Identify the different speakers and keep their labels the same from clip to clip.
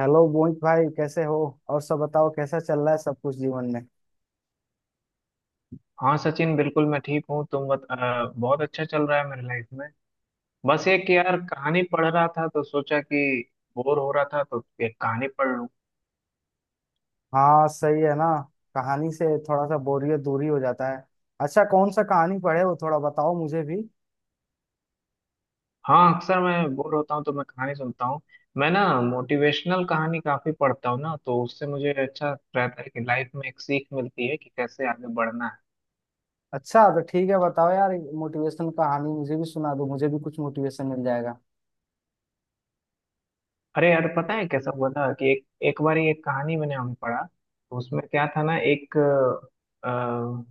Speaker 1: Hello Mohit भाई, कैसे हो। और सब बताओ, कैसा चल रहा है सब कुछ जीवन में।
Speaker 2: हाँ सचिन, बिल्कुल मैं ठीक हूँ। बहुत अच्छा चल रहा है मेरी लाइफ में। बस एक यार कहानी पढ़ रहा था, तो सोचा कि बोर हो रहा था तो एक कहानी पढ़ लूँ।
Speaker 1: हाँ सही है ना। कहानी से थोड़ा सा बोरियत दूरी हो जाता है। अच्छा, कौन सा कहानी पढ़े हो, थोड़ा बताओ मुझे भी।
Speaker 2: हाँ, अक्सर मैं बोर होता हूँ तो मैं कहानी सुनता हूँ। मैं ना मोटिवेशनल कहानी काफी पढ़ता हूँ ना, तो उससे मुझे अच्छा रहता है कि लाइफ में एक सीख मिलती है कि कैसे आगे बढ़ना है।
Speaker 1: अच्छा तो ठीक है, बताओ यार। मोटिवेशनल कहानी मुझे भी सुना दो, मुझे भी कुछ मोटिवेशन मिल जाएगा।
Speaker 2: अरे यार, पता है कैसा हुआ था कि एक एक बार एक कहानी मैंने हमें पढ़ा, तो उसमें क्या था ना, एक अ,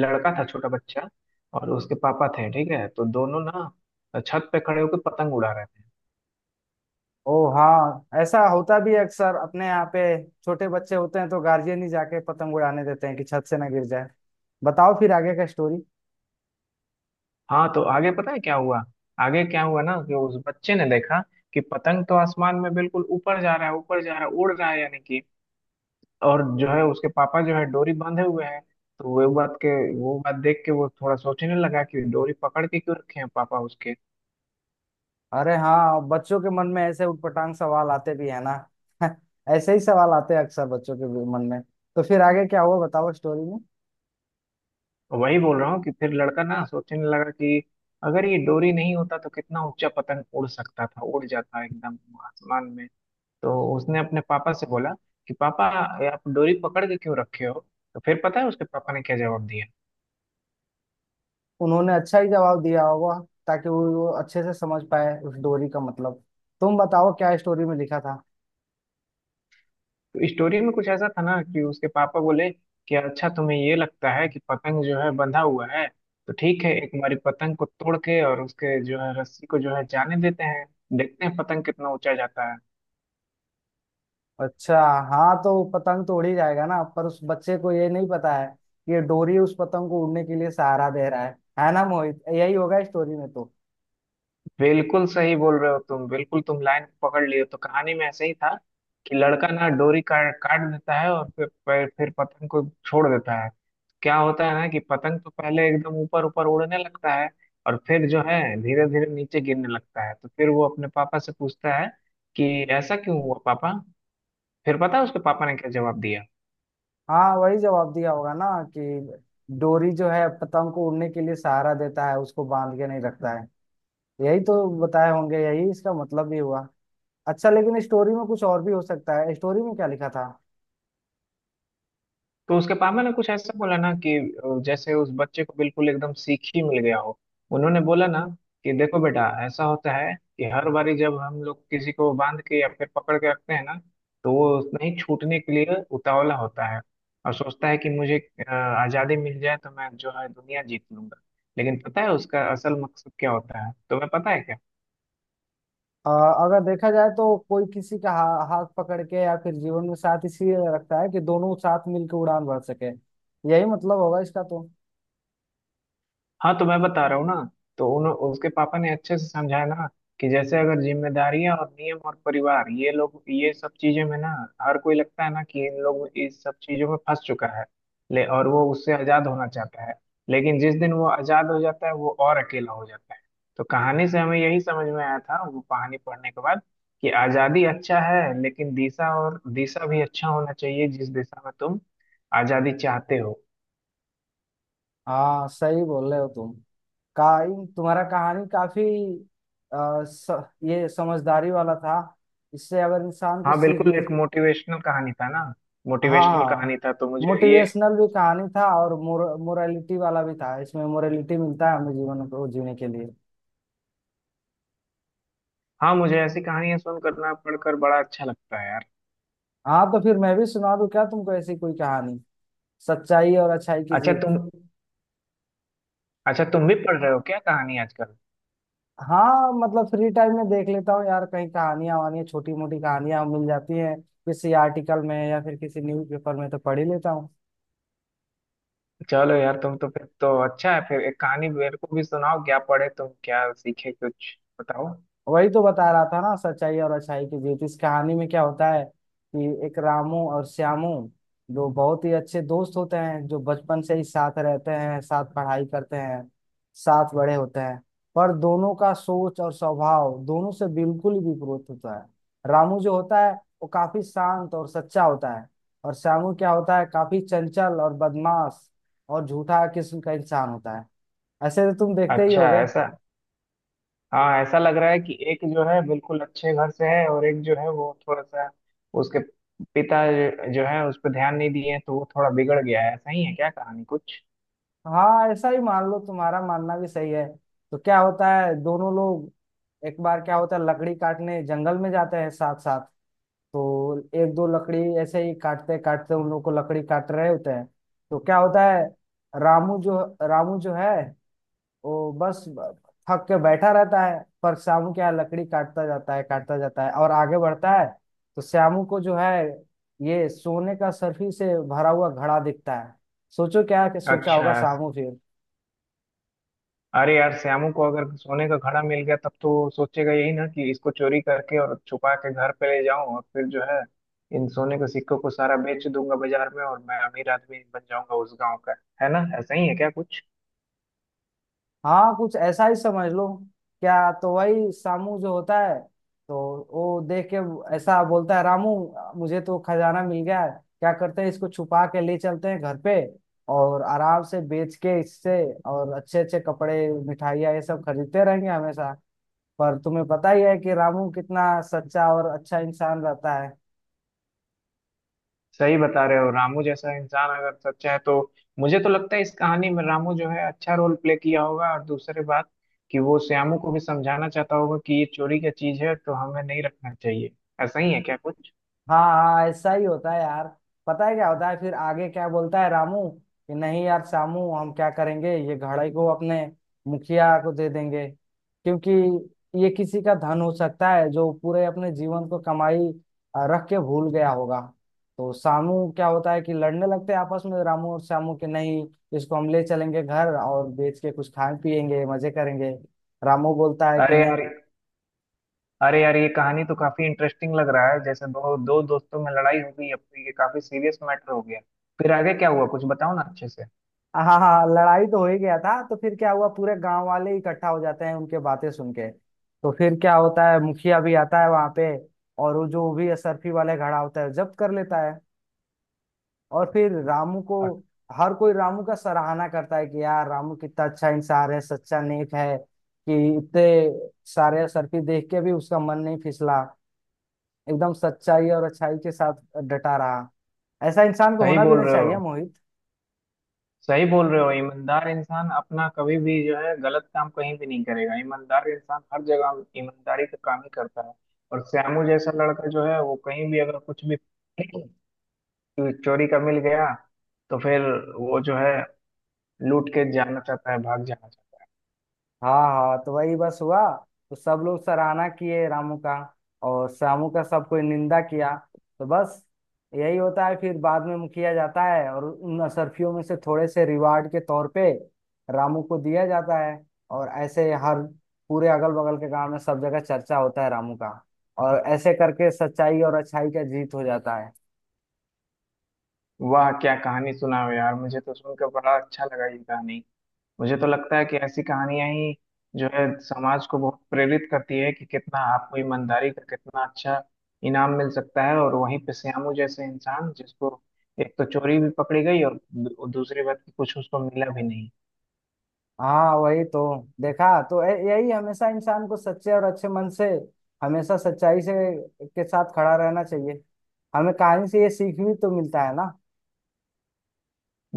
Speaker 2: लड़का था, छोटा बच्चा। और उसके पापा थे, ठीक है, तो दोनों ना छत पे खड़े होकर पतंग उड़ा रहे थे।
Speaker 1: ओ हाँ, ऐसा होता भी है अक्सर अपने यहाँ पे। छोटे बच्चे होते हैं तो गार्जियन ही जाके पतंग उड़ाने देते हैं कि छत से ना गिर जाए। बताओ फिर आगे का स्टोरी।
Speaker 2: हाँ, तो आगे पता है क्या हुआ। आगे क्या हुआ ना कि उस बच्चे ने देखा कि पतंग तो आसमान में बिल्कुल ऊपर जा रहा है, ऊपर जा रहा है, उड़ रहा है, यानी कि और जो है उसके पापा जो है डोरी बांधे हुए हैं। तो वो बात के वो बात देख के वो थोड़ा सोचने लगा कि डोरी पकड़ के क्यों रखे हैं पापा उसके।
Speaker 1: अरे हाँ, बच्चों के मन में ऐसे उटपटांग सवाल आते भी है ना। ऐसे ही सवाल आते हैं अक्सर बच्चों के भी मन में। तो फिर आगे क्या हुआ बताओ स्टोरी में।
Speaker 2: वही बोल रहा हूँ कि फिर लड़का ना सोचने लगा कि अगर ये डोरी नहीं होता तो कितना ऊंचा पतंग उड़ सकता था, उड़ जाता एकदम आसमान में। तो उसने अपने पापा से बोला कि पापा, ये आप डोरी पकड़ के क्यों रखे हो। तो फिर पता है उसके पापा ने क्या जवाब दिया।
Speaker 1: उन्होंने अच्छा ही जवाब दिया होगा, ताकि वो अच्छे से समझ पाए उस डोरी का मतलब। तुम बताओ क्या स्टोरी में लिखा था।
Speaker 2: तो इस स्टोरी में कुछ ऐसा था ना कि उसके पापा बोले कि अच्छा, तुम्हें ये लगता है कि पतंग जो है बंधा हुआ है, तो ठीक है, एक हमारी पतंग को तोड़ के और उसके जो है रस्सी को जो है जाने देते हैं, देखते हैं पतंग कितना ऊंचा जाता है।
Speaker 1: अच्छा। हाँ तो पतंग तो उड़ ही जाएगा ना, पर उस बच्चे को ये नहीं पता है कि ये डोरी उस पतंग को उड़ने के लिए सहारा दे रहा है ना मोहित, यही होगा स्टोरी में तो।
Speaker 2: बिल्कुल सही बोल रहे हो तुम, बिल्कुल तुम लाइन पकड़ लिए हो। तो कहानी में ऐसे ही था कि लड़का ना डोरी काट काट देता है और फिर पतंग को छोड़ देता है। क्या होता है ना कि पतंग तो पहले एकदम ऊपर ऊपर उड़ने लगता है और फिर जो है धीरे धीरे नीचे गिरने लगता है। तो फिर वो अपने पापा से पूछता है कि ऐसा क्यों हुआ पापा। फिर पता है उसके पापा ने क्या जवाब दिया।
Speaker 1: हाँ वही जवाब दिया होगा ना, कि डोरी जो है पतंग को उड़ने के लिए सहारा देता है, उसको बांध के नहीं रखता है। यही तो बताए होंगे, यही इसका मतलब भी हुआ। अच्छा लेकिन स्टोरी में कुछ और भी हो सकता है, स्टोरी में क्या लिखा था।
Speaker 2: तो उसके पापा ने कुछ ऐसा बोला ना कि जैसे उस बच्चे को बिल्कुल एकदम सीख ही मिल गया हो। उन्होंने बोला ना कि देखो बेटा, ऐसा होता है कि हर बारी जब हम लोग किसी को बांध के या फिर पकड़ के रखते हैं ना, तो वो नहीं छूटने के लिए उतावला होता है और सोचता है कि मुझे आजादी मिल जाए तो मैं जो है दुनिया जीत लूंगा। लेकिन पता है उसका असल मकसद क्या होता है, तुम्हें पता है क्या।
Speaker 1: अ, अगर देखा जाए तो कोई किसी का हाथ पकड़ के या फिर जीवन में साथ इसलिए रखता है कि दोनों साथ मिलकर उड़ान भर सके। यही मतलब होगा इसका तो।
Speaker 2: हाँ, तो मैं बता रहा हूँ ना। तो उन उसके पापा ने अच्छे से समझाया ना कि जैसे अगर जिम्मेदारियां और नियम और परिवार, ये लोग, ये सब चीजें में ना, हर कोई लगता है ना कि इन लोग इस सब चीजों में फंस चुका है ले, और वो उससे आजाद होना चाहता है। लेकिन जिस दिन वो आजाद हो जाता है, वो और अकेला हो जाता है। तो कहानी से हमें यही समझ में आया था वो कहानी पढ़ने के बाद, कि आजादी अच्छा है, लेकिन दिशा, और दिशा भी अच्छा होना चाहिए जिस दिशा में तुम आजादी चाहते हो।
Speaker 1: हाँ सही बोल रहे हो तुम। काइन तुम्हारा कहानी काफी आ, स, ये समझदारी वाला था। इससे अगर इंसान को
Speaker 2: हाँ
Speaker 1: सीख
Speaker 2: बिल्कुल,
Speaker 1: मिल।
Speaker 2: एक मोटिवेशनल कहानी था ना।
Speaker 1: हाँ
Speaker 2: मोटिवेशनल
Speaker 1: हाँ,
Speaker 2: कहानी था तो मुझे ये।
Speaker 1: मोटिवेशनल भी कहानी था और मोरालिटी वाला भी था, इसमें मोरालिटी मिलता है हमें जीवन को जीने के लिए।
Speaker 2: हाँ, मुझे ऐसी कहानियां सुनकर ना, पढ़कर बड़ा अच्छा लगता है यार।
Speaker 1: हाँ तो फिर मैं भी सुना दूं क्या तुमको ऐसी कोई कहानी। सच्चाई और अच्छाई की
Speaker 2: अच्छा
Speaker 1: जीत।
Speaker 2: तुम अच्छा तुम भी पढ़ रहे हो क्या कहानी आजकल।
Speaker 1: हाँ मतलब फ्री टाइम में देख लेता हूँ यार, कहीं कहानियां वानियां, छोटी मोटी कहानियां मिल जाती हैं किसी आर्टिकल में या फिर किसी न्यूज़पेपर में तो पढ़ ही लेता हूँ।
Speaker 2: चलो यार, तुम तो फिर तो अच्छा है, फिर एक कहानी मेरे को भी सुनाओ, क्या पढ़े तुम, क्या सीखे, कुछ बताओ।
Speaker 1: वही तो बता रहा था ना, सच्चाई और अच्छाई की जीत। इस कहानी में क्या होता है कि एक रामू और श्यामू, जो बहुत ही अच्छे दोस्त होते हैं, जो बचपन से ही साथ रहते हैं, साथ पढ़ाई करते हैं, साथ बड़े होते हैं। पर दोनों का सोच और स्वभाव दोनों से बिल्कुल ही विपरीत होता है। रामू जो होता है, वो काफी शांत और सच्चा होता है। और श्यामू क्या होता है, काफी चंचल और बदमाश और झूठा किस्म का इंसान होता है। ऐसे तो तुम देखते ही
Speaker 2: अच्छा
Speaker 1: होगे।
Speaker 2: ऐसा। हाँ, ऐसा लग रहा है कि एक जो है बिल्कुल अच्छे घर से है और एक जो है वो थोड़ा सा, उसके पिता जो जो है उस पर ध्यान नहीं दिए तो वो थोड़ा बिगड़ गया है, ऐसा ही है क्या कहानी कुछ।
Speaker 1: हाँ ऐसा ही मान लो, तुम्हारा मानना भी सही है। तो क्या होता है दोनों लोग, एक बार क्या होता है लकड़ी काटने जंगल में जाते हैं साथ साथ। तो एक दो लकड़ी ऐसे ही काटते काटते उन लोग को लकड़ी काट रहे होते हैं। तो क्या होता है, रामू जो रामू जो है, वो बस थक के बैठा रहता है, पर श्यामू क्या है, लकड़ी काटता जाता है और आगे बढ़ता है। तो श्यामू को जो है, ये सोने का सर्फी से भरा हुआ घड़ा दिखता है। सोचो क्या क्या सोचा होगा
Speaker 2: अच्छा।
Speaker 1: श्यामू फिर।
Speaker 2: अरे यार, श्यामू को अगर सोने का घड़ा मिल गया तब तो वो सोचेगा यही ना कि इसको चोरी करके और छुपा के घर पे ले जाऊं और फिर जो है इन सोने के सिक्कों को सारा बेच दूंगा बाजार में और मैं अमीर आदमी बन जाऊंगा उस गांव का। है ना, ऐसा ही है क्या कुछ।
Speaker 1: हाँ कुछ ऐसा ही समझ लो। क्या तो वही सामू जो होता है, तो वो देख के ऐसा बोलता है, रामू मुझे तो खजाना मिल गया है, क्या करते हैं इसको छुपा के ले चलते हैं घर पे, और आराम से बेच के इससे और अच्छे अच्छे कपड़े मिठाइयाँ ये सब खरीदते रहेंगे हमेशा। पर तुम्हें पता ही है कि रामू कितना सच्चा और अच्छा इंसान रहता है।
Speaker 2: सही बता रहे हो, रामू जैसा इंसान अगर सच्चा है तो मुझे तो लगता है इस कहानी में रामू जो है अच्छा रोल प्ले किया होगा, और दूसरी बात कि वो श्यामू को भी समझाना चाहता होगा कि ये चोरी का चीज है तो हमें नहीं रखना चाहिए। ऐसा ही है क्या कुछ।
Speaker 1: हाँ हाँ ऐसा ही होता है यार। पता है क्या होता है, फिर आगे क्या बोलता है रामू कि नहीं यार श्यामू, हम क्या करेंगे, ये घड़े को अपने मुखिया को दे देंगे, क्योंकि ये किसी का धन हो सकता है, जो पूरे अपने जीवन को कमाई रख के भूल गया होगा। तो श्यामू क्या होता है कि लड़ने लगते हैं आपस में रामू और श्यामू के, नहीं इसको हम ले चलेंगे घर और बेच के कुछ खाएं पिएंगे मजे करेंगे। रामू बोलता है कि
Speaker 2: अरे
Speaker 1: नहीं।
Speaker 2: यार अरे यार ये कहानी तो काफी इंटरेस्टिंग लग रहा है, जैसे दो दो दोस्तों में लड़ाई हो गई, अब तो ये काफी सीरियस मैटर हो गया। फिर आगे क्या हुआ कुछ बताओ ना अच्छे से।
Speaker 1: हाँ हाँ हाँ, लड़ाई तो हो ही गया था। तो फिर क्या हुआ, पूरे गांव वाले इकट्ठा हो जाते हैं उनके बातें सुन के। तो फिर क्या होता है, मुखिया भी आता है वहां पे और वो जो भी असरफी वाले खड़ा होता है जब्त कर लेता है। और फिर रामू को,
Speaker 2: और
Speaker 1: हर कोई रामू का सराहना करता है कि यार रामू कितना अच्छा इंसान है, सच्चा नेक है, कि इतने सारे असरफी देख के भी उसका मन नहीं फिसला। एकदम सच्चाई और अच्छाई के साथ डटा रहा। ऐसा इंसान को
Speaker 2: सही
Speaker 1: होना भी
Speaker 2: बोल
Speaker 1: नहीं
Speaker 2: रहे
Speaker 1: चाहिए
Speaker 2: हो
Speaker 1: मोहित।
Speaker 2: सही बोल रहे हो। ईमानदार इंसान अपना कभी भी जो है गलत काम कहीं भी नहीं करेगा, ईमानदार इंसान हर जगह ईमानदारी का काम ही करता है। और श्यामू जैसा लड़का जो है वो कहीं भी अगर कुछ भी चोरी का मिल गया तो फिर वो जो है लूट के जाना चाहता है, भाग जाना चाहता है।
Speaker 1: हाँ हाँ तो वही बस हुआ। तो सब लोग सराहना किए रामू का, और श्यामू का सब कोई निंदा किया। तो बस यही होता है, फिर बाद में मुखिया जाता है और उन असरफियों में से थोड़े से रिवार्ड के तौर पे रामू को दिया जाता है। और ऐसे हर पूरे अगल बगल के गांव में सब जगह चर्चा होता है रामू का, और ऐसे करके सच्चाई और अच्छाई का जीत हो जाता है।
Speaker 2: वाह, क्या कहानी सुनाओ यार, मुझे तो सुनकर बड़ा अच्छा लगा ये कहानी। मुझे तो लगता है कि ऐसी कहानियां ही जो है समाज को बहुत प्रेरित करती है, कि कितना आपको ईमानदारी का कितना अच्छा इनाम मिल सकता है, और वहीं पे श्यामू जैसे इंसान जिसको एक तो चोरी भी पकड़ी गई और दूसरी बात कि कुछ उसको मिला भी नहीं।
Speaker 1: हाँ वही तो। देखा तो यही हमेशा इंसान को सच्चे और अच्छे मन से, हमेशा सच्चाई से के साथ खड़ा रहना चाहिए। हमें कहानी से ये सीख भी तो मिलता है ना।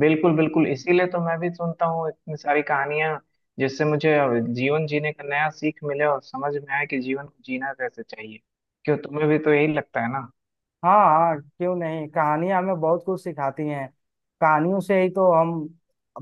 Speaker 2: बिल्कुल बिल्कुल, इसीलिए तो मैं भी सुनता हूँ इतनी सारी कहानियां, जिससे मुझे जीवन जीने का नया सीख मिले और समझ में आए कि जीवन को जीना कैसे चाहिए। क्यों, तुम्हें भी तो यही लगता है ना।
Speaker 1: हाँ हाँ क्यों नहीं, कहानियां हमें बहुत कुछ सिखाती हैं। कहानियों से ही तो हम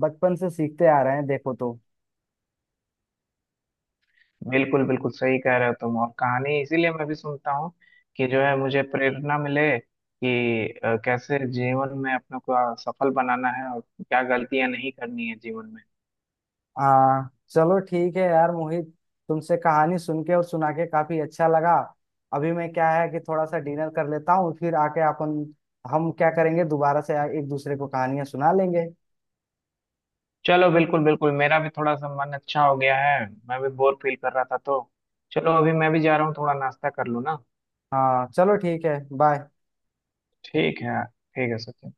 Speaker 1: बचपन से सीखते आ रहे हैं देखो तो।
Speaker 2: बिल्कुल बिल्कुल, सही कह रहे हो तुम। और कहानी इसीलिए मैं भी सुनता हूँ कि जो है मुझे प्रेरणा मिले कि कैसे जीवन में अपने को सफल बनाना है, और क्या गलतियां नहीं करनी है जीवन में।
Speaker 1: हाँ चलो ठीक है यार मोहित, तुमसे कहानी सुन के और सुना के काफी अच्छा लगा। अभी मैं क्या है कि थोड़ा सा डिनर कर लेता हूँ, फिर आके अपन, हम क्या करेंगे दोबारा से एक दूसरे को कहानियां सुना लेंगे।
Speaker 2: चलो बिल्कुल बिल्कुल, मेरा भी थोड़ा सा मन अच्छा हो गया है। मैं भी बोर फील कर रहा था, तो चलो अभी मैं भी जा रहा हूँ, थोड़ा नाश्ता कर लूँ ना।
Speaker 1: हाँ चलो ठीक है, बाय।
Speaker 2: ठीक है सचिन।